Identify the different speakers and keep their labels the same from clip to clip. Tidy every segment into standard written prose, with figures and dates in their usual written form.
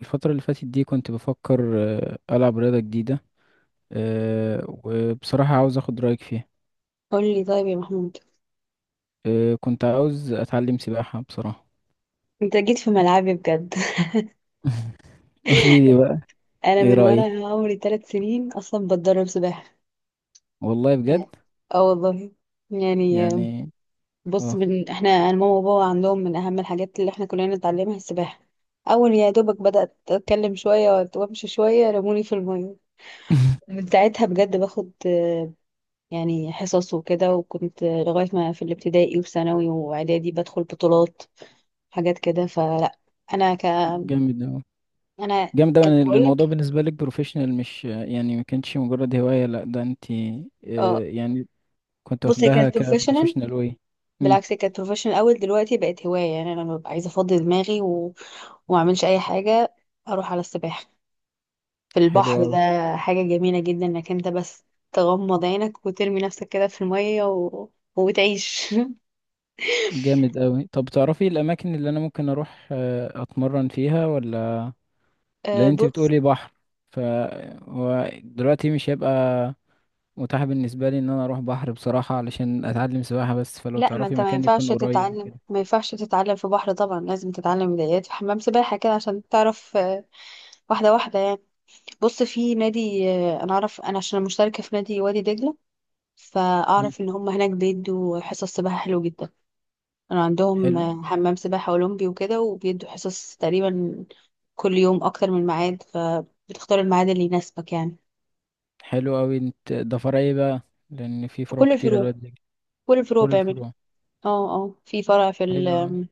Speaker 1: الفترة اللي فاتت دي كنت بفكر ألعب رياضة جديدة. وبصراحة عاوز أخد رأيك فيها.
Speaker 2: قولي طيب يا محمود.
Speaker 1: كنت عاوز أتعلم سباحة بصراحة.
Speaker 2: انت جيت في ملعبي بجد.
Speaker 1: قولي لي بقى،
Speaker 2: انا
Speaker 1: إيه
Speaker 2: من
Speaker 1: رأيك؟
Speaker 2: وانا عمري 3 سنين اصلا بتدرب سباحه.
Speaker 1: والله بجد
Speaker 2: يعني- اه والله، يعني
Speaker 1: يعني
Speaker 2: بص،
Speaker 1: اه.
Speaker 2: من احنا انا ماما وبابا عندهم من اهم الحاجات اللي احنا كلنا نتعلمها السباحه. اول يا دوبك بدات اتكلم شويه وامشي شويه رموني في الميه. من ساعتها بجد باخد يعني حصص وكده، وكنت لغايه ما في الابتدائي وثانوي واعدادي بدخل بطولات، حاجات كده. فلا انا ك
Speaker 1: جامد أوي.
Speaker 2: انا
Speaker 1: جامد أوي،
Speaker 2: كنت
Speaker 1: يعني
Speaker 2: بقول
Speaker 1: الموضوع
Speaker 2: لك.
Speaker 1: بالنسبة لك بروفيشنال، مش يعني ما كانتش مجرد هواية، لأ ده أنت
Speaker 2: آه
Speaker 1: يعني كنت
Speaker 2: بص، هي
Speaker 1: واخداها
Speaker 2: كانت بروفيشنال.
Speaker 1: كبروفيشنال، واي. مم،
Speaker 2: بالعكس، هي كانت بروفيشنال الاول، دلوقتي بقت هوايه. يعني انا لما ببقى عايزه افضي دماغي وما اعملش اي حاجه، اروح على السباحه في
Speaker 1: حلو
Speaker 2: البحر ده.
Speaker 1: أوي.
Speaker 2: حاجه جميله جدا انك انت بس تغمض عينك وترمي نفسك كده في الميه وتعيش.
Speaker 1: جامد أوي، طب تعرفي الأماكن اللي أنا ممكن أروح أتمرن فيها ولا؟ لان انت
Speaker 2: بص،
Speaker 1: بتقولي بحر، فهو دلوقتي مش هيبقى متاح بالنسبه لي ان انا اروح بحر بصراحه علشان اتعلم سباحه، بس فلو
Speaker 2: لا، ما
Speaker 1: تعرفي
Speaker 2: انت ما
Speaker 1: مكان
Speaker 2: ينفعش
Speaker 1: يكون قريب
Speaker 2: تتعلم،
Speaker 1: وكده.
Speaker 2: ما ينفعش تتعلم في بحر. طبعا لازم تتعلم بدايات في حمام سباحه كده، عشان تعرف واحده واحده يعني. بص، في نادي، انا اعرف انا عشان مشتركه في نادي وادي دجله،
Speaker 1: مم.
Speaker 2: فاعرف ان هم هناك بيدوا حصص سباحة حلو جدا. انا عندهم
Speaker 1: حلو.
Speaker 2: حمام سباحة اولمبي وكده، وبيدوا حصص تقريبا كل يوم اكتر من ميعاد، فبتختار الميعاد اللي يناسبك يعني.
Speaker 1: حلو قوي، انت ده فرع ايه بقى؟ لان في
Speaker 2: في
Speaker 1: فروع
Speaker 2: كل
Speaker 1: كتير
Speaker 2: الفروع،
Speaker 1: الواد ده.
Speaker 2: كل الفروع
Speaker 1: كل
Speaker 2: بيعملوا.
Speaker 1: الفروع.
Speaker 2: اه، اه، في فرع في ال
Speaker 1: حلو أوي.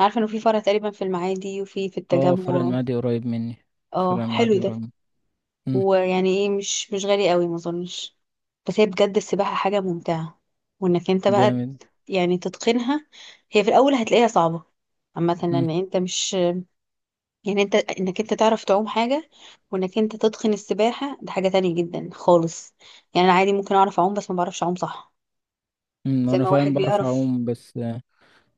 Speaker 2: عارفة انه في فرع تقريبا في المعادي وفي
Speaker 1: اه، فرع
Speaker 2: التجمع.
Speaker 1: المعادي قريب مني.
Speaker 2: اه،
Speaker 1: فرع
Speaker 2: حلو
Speaker 1: المعادي
Speaker 2: ده.
Speaker 1: قريب مني. مم.
Speaker 2: ويعني ايه، مش غالي قوي ما اظنش. بس هي بجد السباحة حاجة ممتعة، وانك انت بقى
Speaker 1: جامد.
Speaker 2: يعني تتقنها. هي في الاول هتلاقيها صعبة عامة،
Speaker 1: مم.
Speaker 2: لان انت مش يعني، انت انك انت تعرف تعوم حاجة، وانك انت تتقن السباحة ده حاجة تانية جدا خالص. يعني انا عادي ممكن اعرف اعوم بس ما بعرفش اعوم صح،
Speaker 1: مم.
Speaker 2: زي
Speaker 1: وانا
Speaker 2: ما واحد
Speaker 1: فعلا بعرف
Speaker 2: بيعرف.
Speaker 1: اعوم، بس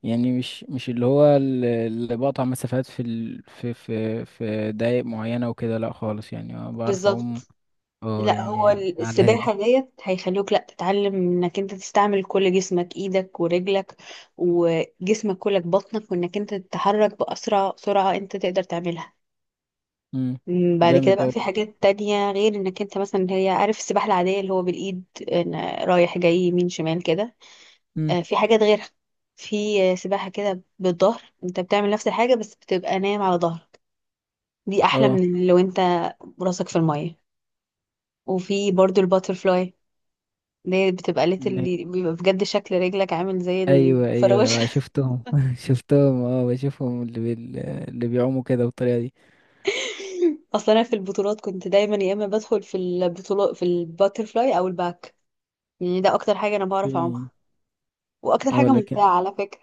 Speaker 1: يعني مش اللي هو اللي بقطع مسافات في دقايق معينة وكده، لا خالص، يعني أنا بعرف أعوم.
Speaker 2: بالظبط.
Speaker 1: اه
Speaker 2: لا، هو
Speaker 1: يعني. على الهادي.
Speaker 2: السباحة ديت هيخلوك لا تتعلم انك انت تستعمل كل جسمك، ايدك ورجلك وجسمك كلك بطنك، وانك انت تتحرك بأسرع سرعة انت تقدر تعملها.
Speaker 1: امم.
Speaker 2: بعد كده
Speaker 1: جامد
Speaker 2: بقى في
Speaker 1: أوي.
Speaker 2: حاجات تانية، غير انك انت مثلا هي عارف السباحة العادية اللي هو بالإيد، إن رايح جاي يمين شمال كده.
Speaker 1: امم.
Speaker 2: في حاجات غيرها. في سباحة كده بالظهر، انت بتعمل نفس الحاجة بس بتبقى نايم على ظهرك. دي أحلى
Speaker 1: اه.
Speaker 2: من لو انت راسك في المية. وفي برضو الباترفلاي، اللي هي بتبقى ليت،
Speaker 1: لا.
Speaker 2: اللي بيبقى بجد شكل رجلك عامل زي
Speaker 1: ايوه ايوه
Speaker 2: الفراوشة.
Speaker 1: شفتهم، شفتهم، بشوفهم، اللي بيعوموا كده بالطريقه دي.
Speaker 2: اصلا انا في البطولات كنت دايما يا اما بدخل في البطولات في الباترفلاي او الباك. يعني ده اكتر حاجة انا بعرف
Speaker 1: في.
Speaker 2: اعومها، واكتر
Speaker 1: اه
Speaker 2: حاجة ممتعة
Speaker 1: لكن.
Speaker 2: على فكرة.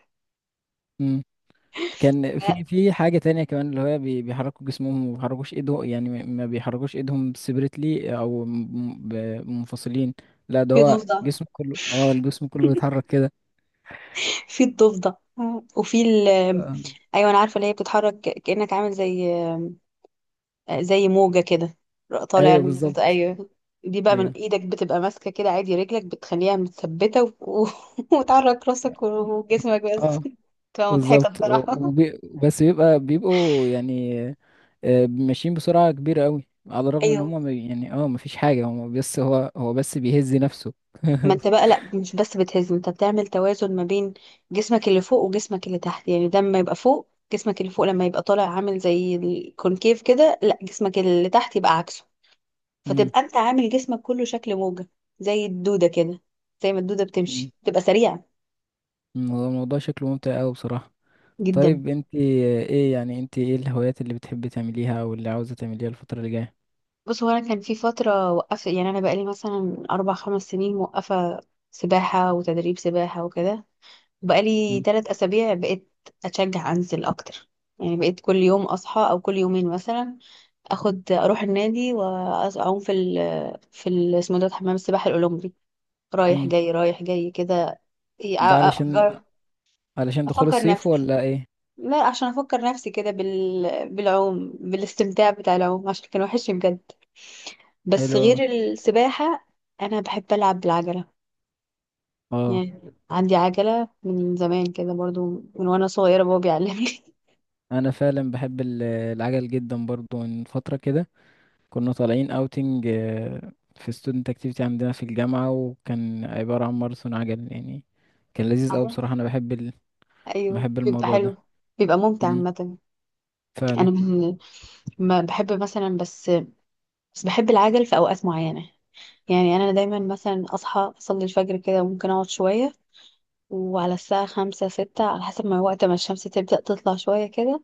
Speaker 1: مم. كان
Speaker 2: لا،
Speaker 1: في حاجة تانية كمان، اللي هو بيحركوا جسمهم وما بيحركوش ايدهم، يعني ما بيحركوش ايدهم سيبريتلي، او منفصلين لا ده
Speaker 2: في
Speaker 1: هو
Speaker 2: ضفدع،
Speaker 1: جسمه كله، الجسم كله بيتحرك كده.
Speaker 2: في الضفدع، وفي ال
Speaker 1: آه.
Speaker 2: ايوه، انا عارفة اللي هي بتتحرك كأنك عامل زي زي موجة كده، طالع
Speaker 1: ايوه بالظبط.
Speaker 2: نازل. ايوه. دي بقى من
Speaker 1: ايوه.
Speaker 2: ايدك بتبقى ماسكة كده عادي، رجلك بتخليها متثبتة وتحرك راسك وجسمك بس.
Speaker 1: اه
Speaker 2: بتبقى مضحكة
Speaker 1: بالظبط،
Speaker 2: بصراحة.
Speaker 1: بس بيبقى بيبقوا يعني ماشيين بسرعة كبيرة قوي، على الرغم ان
Speaker 2: ايوه،
Speaker 1: هم يعني مفيش حاجة هم، بس هو بس بيهز نفسه.
Speaker 2: ما انت بقى لا، مش بس بتهزم، انت بتعمل توازن ما بين جسمك اللي فوق وجسمك اللي تحت. يعني ده لما يبقى فوق، جسمك اللي فوق لما يبقى طالع عامل زي الكونكيف كده، لا جسمك اللي تحت يبقى عكسه.
Speaker 1: مم.
Speaker 2: فتبقى انت عامل جسمك كله شكل موجة، زي الدودة كده، زي ما الدودة
Speaker 1: مم.
Speaker 2: بتمشي تبقى سريعة.
Speaker 1: مم. هو الموضوع شكله ممتع قوي بصراحة.
Speaker 2: جدا.
Speaker 1: طيب انت ايه، يعني انت ايه الهوايات اللي بتحبي تعمليها او اللي عاوزة تعمليها الفترة اللي جاية؟
Speaker 2: بص، هو انا كان في فترة وقفت، يعني انا بقالي مثلا اربع خمس سنين موقفة سباحة وتدريب سباحة وكده. بقالي
Speaker 1: مم.
Speaker 2: 3 أسابيع بقيت أتشجع أنزل أكتر، يعني بقيت كل يوم أصحى أو كل يومين مثلا أخد أروح النادي وأعوم في ال اسمه ده، حمام السباحة الأولمبي، رايح
Speaker 1: مم.
Speaker 2: جاي رايح جاي كده. إيه، أ- أ-
Speaker 1: ده علشان
Speaker 2: أفكر،
Speaker 1: علشان دخول
Speaker 2: أفكر
Speaker 1: الصيف
Speaker 2: نفسي.
Speaker 1: ولا ايه؟
Speaker 2: لا عشان أفكر نفسي كده بالعوم، بالاستمتاع بتاع العوم، عشان كان وحشني بجد. بس
Speaker 1: حلو اوي.
Speaker 2: غير السباحة، أنا بحب ألعب بالعجلة.
Speaker 1: اه،
Speaker 2: يعني عندي عجلة من زمان كده برضو، من وأنا صغيرة بابا بيعلمني
Speaker 1: انا فعلا بحب العجل جدا برضو من فترة كده. كنا طالعين اوتنج في ستودنت اكتيفيتي عندنا في الجامعة، وكان عبارة عن ماراثون عجل يعني. كان لذيذ اوي
Speaker 2: عليه.
Speaker 1: بصراحة، انا
Speaker 2: ايوه
Speaker 1: بحب
Speaker 2: بيبقى
Speaker 1: الموضوع
Speaker 2: حلو،
Speaker 1: ده.
Speaker 2: بيبقى ممتع
Speaker 1: مم.
Speaker 2: عامة.
Speaker 1: فعلا.
Speaker 2: انا من، ما بحب مثلا بس، بس بحب العجل في اوقات معينة. يعني انا دايما مثلا اصحى اصلي الفجر كده، وممكن اقعد شوية وعلى الساعة خمسة ستة، على حسب ما وقت ما الشمس تبدأ تطلع شوية كده،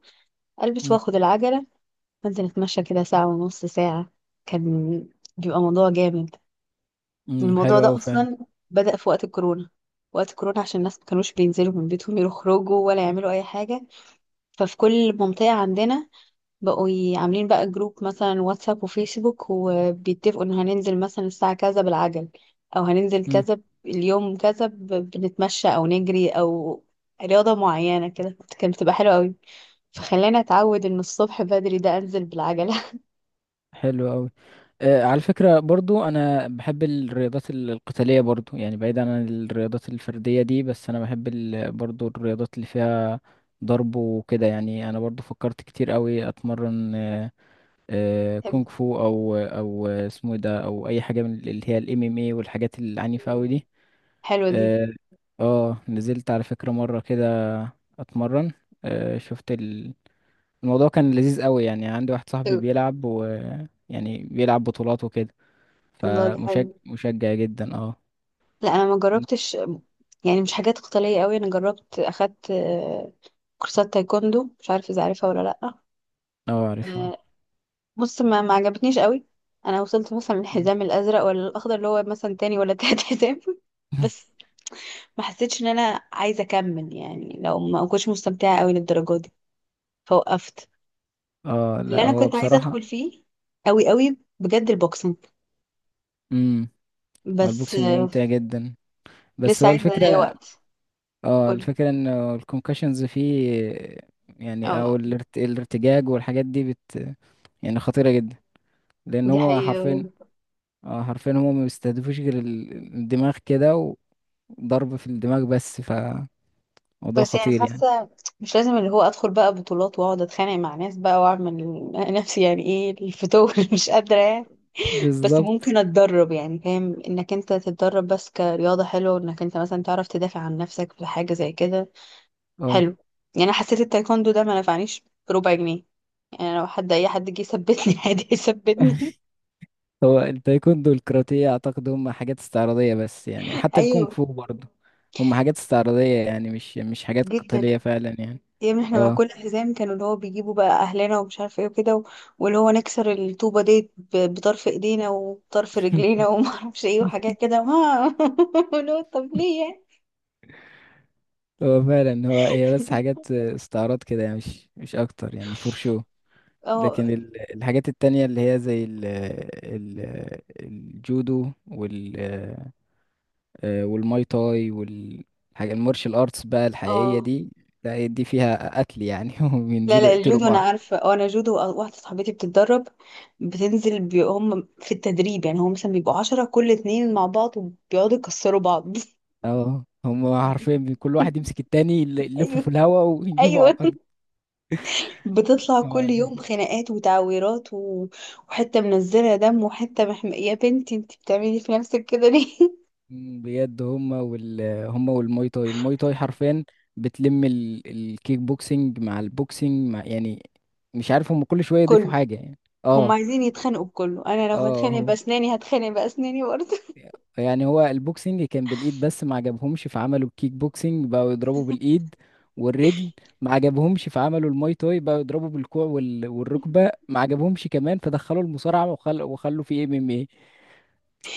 Speaker 2: ألبس
Speaker 1: مم.
Speaker 2: وآخد العجلة وأنزل أتمشى كده ساعة ونص ساعة. كان بيبقى موضوع جامد.
Speaker 1: مم.
Speaker 2: الموضوع
Speaker 1: حلو
Speaker 2: ده
Speaker 1: اوي فعلا.
Speaker 2: أصلا بدأ في وقت الكورونا. وقت الكورونا عشان الناس ما كانوش بينزلوا من بيتهم يخرجوا ولا يعملوا أي حاجة، ففي كل منطقة عندنا بقوا عاملين بقى جروب مثلا واتساب وفيسبوك، وبيتفقوا ان هننزل مثلا الساعة كذا بالعجل، او هننزل كذا اليوم كذا بنتمشى او نجري، او رياضة معينة كده. كانت بتبقى حلوة قوي. فخلاني اتعود ان الصبح بدري ده انزل بالعجلة.
Speaker 1: حلو قوي. على فكرة برضو أنا بحب الرياضات القتالية، برضو يعني بعيدا عن الرياضات الفردية دي، بس أنا بحب برضو الرياضات اللي فيها ضرب وكده. يعني أنا برضو فكرت كتير قوي أتمرن كونغ
Speaker 2: حلو.
Speaker 1: فو، أو اسمه إيه ده، أو أي حاجة من اللي هي الام ام اي والحاجات العنيفة قوي دي.
Speaker 2: حلوة دي.
Speaker 1: اه. نزلت على فكرة مرة كده أتمرن. شفت الموضوع كان لذيذ قوي، يعني عندي واحد صاحبي
Speaker 2: حلو.
Speaker 1: بيلعب يعني بيلعب بطولات وكده،
Speaker 2: الله، ده حلو.
Speaker 1: فمشجع مشجع جدا، اه.
Speaker 2: لا انا ما جربتش، يعني مش حاجات قتالية قوي. انا جربت اخدت كورسات تايكوندو، مش عارفة اذا عارفها ولا
Speaker 1: اه عارفها.
Speaker 2: لا. بص، ما عجبتنيش قوي. انا وصلت مثلا
Speaker 1: مم.
Speaker 2: الحزام الازرق ولا الاخضر، اللي هو مثلا تاني ولا تالت، حزام. بس ما حسيتش ان انا عايزه اكمل، يعني لو ما كنتش مستمتعه قوي للدرجه دي، فوقفت.
Speaker 1: اه
Speaker 2: اللي
Speaker 1: لا،
Speaker 2: انا
Speaker 1: هو
Speaker 2: كنت عايزه
Speaker 1: بصراحة.
Speaker 2: ادخل فيه قوي قوي بجد البوكسنج.
Speaker 1: امم. هو
Speaker 2: بس
Speaker 1: البوكسنج ممتع جدا، بس
Speaker 2: لسه
Speaker 1: هو
Speaker 2: عايزه الاقي
Speaker 1: الفكرة.
Speaker 2: وقت.
Speaker 1: اه
Speaker 2: قولي.
Speaker 1: الفكرة ان الكونكشنز فيه، يعني او
Speaker 2: اه،
Speaker 1: الارتجاج والحاجات دي بت، يعني خطيرة جدا، لان
Speaker 2: دي
Speaker 1: هما حرفيا.
Speaker 2: حقيقة،
Speaker 1: اه حرفيا هما ما بيستهدفوش غير الدماغ كده، وضرب في الدماغ بس، فموضوع
Speaker 2: بس يعني
Speaker 1: خطير يعني.
Speaker 2: حاسه مش لازم اللي هو ادخل بقى بطولات واقعد اتخانق مع ناس بقى، واعمل نفسي يعني ايه الفتور. مش قادره يعني. بس
Speaker 1: بالظبط.
Speaker 2: ممكن اتدرب يعني، فاهم انك انت تتدرب بس كرياضة حلوة، انك انت مثلا تعرف تدافع عن نفسك في حاجة زي كده.
Speaker 1: اه،
Speaker 2: حلو. يعني انا حسيت التايكوندو ده ما نفعنيش بربع جنيه. يعني لو حد اي حد جه يثبتني عادي يثبتني.
Speaker 1: هو التايكوندو والكاراتيه اعتقد هم حاجات استعراضيه بس، يعني حتى الكونغ
Speaker 2: ايوه،
Speaker 1: فو برضه هم حاجات استعراضيه، يعني مش حاجات
Speaker 2: جدا.
Speaker 1: قتاليه فعلا يعني.
Speaker 2: يعني احنا مع
Speaker 1: اه.
Speaker 2: كل حزام كانوا اللي هو بيجيبوا بقى اهلنا ومش عارف ايه وكده واللي هو نكسر الطوبة دي بطرف ايدينا وطرف رجلينا، وما اعرفش ايه وحاجات كده. ما طب ليه يعني؟
Speaker 1: هو فعلا، هو هي بس حاجات استعراض كده يعني، مش اكتر يعني، فور شو.
Speaker 2: اه،
Speaker 1: لكن الحاجات التانية اللي هي زي ال ال الجودو والماي تاي والحاجة المارشال ارتس بقى الحقيقية
Speaker 2: اه،
Speaker 1: دي. لا دي فيها قتل يعني،
Speaker 2: لا
Speaker 1: وبينزلوا
Speaker 2: لا،
Speaker 1: يقتلوا
Speaker 2: الجودو انا
Speaker 1: بعض.
Speaker 2: عارفه. اه، انا جودو واحده صاحبتي بتتدرب، بتنزل هم في التدريب، يعني هم مثلا بيبقوا 10 كل اتنين مع بعض، وبيقعدوا يكسروا بعض.
Speaker 1: اه هم حرفيا، كل واحد يمسك التاني، يلفه
Speaker 2: ايوه،
Speaker 1: في الهواء ويجيبه على
Speaker 2: ايوه.
Speaker 1: الارض.
Speaker 2: بتطلع
Speaker 1: اه
Speaker 2: كل يوم
Speaker 1: عليهم.
Speaker 2: خناقات وتعويرات وحته منزله دم وحته يا بنتي انت بتعملي في نفسك كده ليه؟
Speaker 1: مم، بجد هم هم والماي تاي. الماي تاي حرفيا بتلم الكيك بوكسينج مع البوكسينج، مع يعني مش عارف هم كل شويه يضيفوا
Speaker 2: كله.
Speaker 1: حاجه يعني.
Speaker 2: هم
Speaker 1: اه.
Speaker 2: عايزين يتخانقوا بكله. انا لو
Speaker 1: اه
Speaker 2: هتخانق
Speaker 1: هو
Speaker 2: باسناني هتخانق باسناني برضه.
Speaker 1: يعني هو البوكسينج كان بالايد بس ما عجبهمش، فعملوا الكيك بوكسينج بقوا يضربوا بالايد والرجل. ما عجبهمش فعملوا الماي تاي بقوا يضربوا بالكوع والركبه. ما عجبهمش كمان فدخلوا المصارعه وخلوا في إيه ام ام إيه.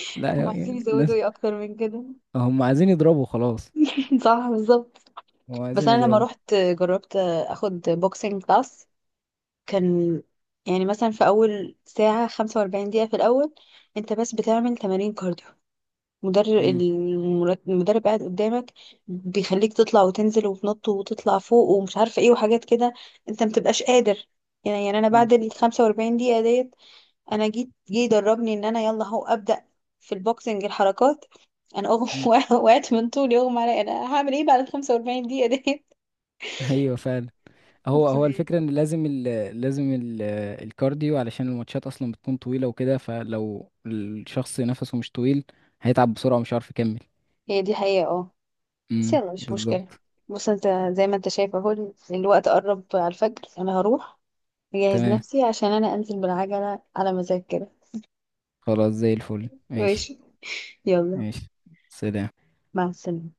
Speaker 1: لا
Speaker 2: هم
Speaker 1: يعني
Speaker 2: عايزين يزودوا
Speaker 1: الناس
Speaker 2: ايه اكتر من كده؟
Speaker 1: هم عايزين يضربوا خلاص.
Speaker 2: صح، بالظبط.
Speaker 1: هو
Speaker 2: بس
Speaker 1: عايزين
Speaker 2: انا لما
Speaker 1: يضربوا.
Speaker 2: رحت جربت اخد بوكسينج كلاس، كان يعني مثلا في اول ساعة 45 دقيقة في الاول انت بس بتعمل تمارين كارديو. مدرب
Speaker 1: امم.
Speaker 2: المدرب قاعد قدامك، بيخليك تطلع وتنزل وتنط وتطلع فوق ومش عارفة ايه وحاجات كده. انت متبقاش قادر. يعني انا
Speaker 1: امم.
Speaker 2: بعد ال 45 دقيقة ديت، انا جيت جه يدربني ان انا يلا اهو ابدأ في البوكسنج الحركات. انا اغم
Speaker 1: امم.
Speaker 2: وقعت من طولي اغمى عليا. انا هعمل ايه بعد ال 45 دقيقة
Speaker 1: ايوه فعلا. هو
Speaker 2: ديت؟
Speaker 1: الفكره ان لازم الكارديو، علشان الماتشات اصلا بتكون طويله وكده، فلو الشخص نفسه مش طويل هيتعب بسرعه ومش عارف يكمل.
Speaker 2: هي دي حقيقة اه. بس يلا مش مشكلة.
Speaker 1: بالظبط.
Speaker 2: بص، انت زي ما انت شايف اهو، الوقت قرب على الفجر، انا هروح اجهز
Speaker 1: تمام.
Speaker 2: نفسي عشان انا انزل بالعجلة على مزاج كده.
Speaker 1: خلاص زي الفل، ماشي.
Speaker 2: ماشي. يلا.
Speaker 1: ماشي. سلام.
Speaker 2: مع السلامة.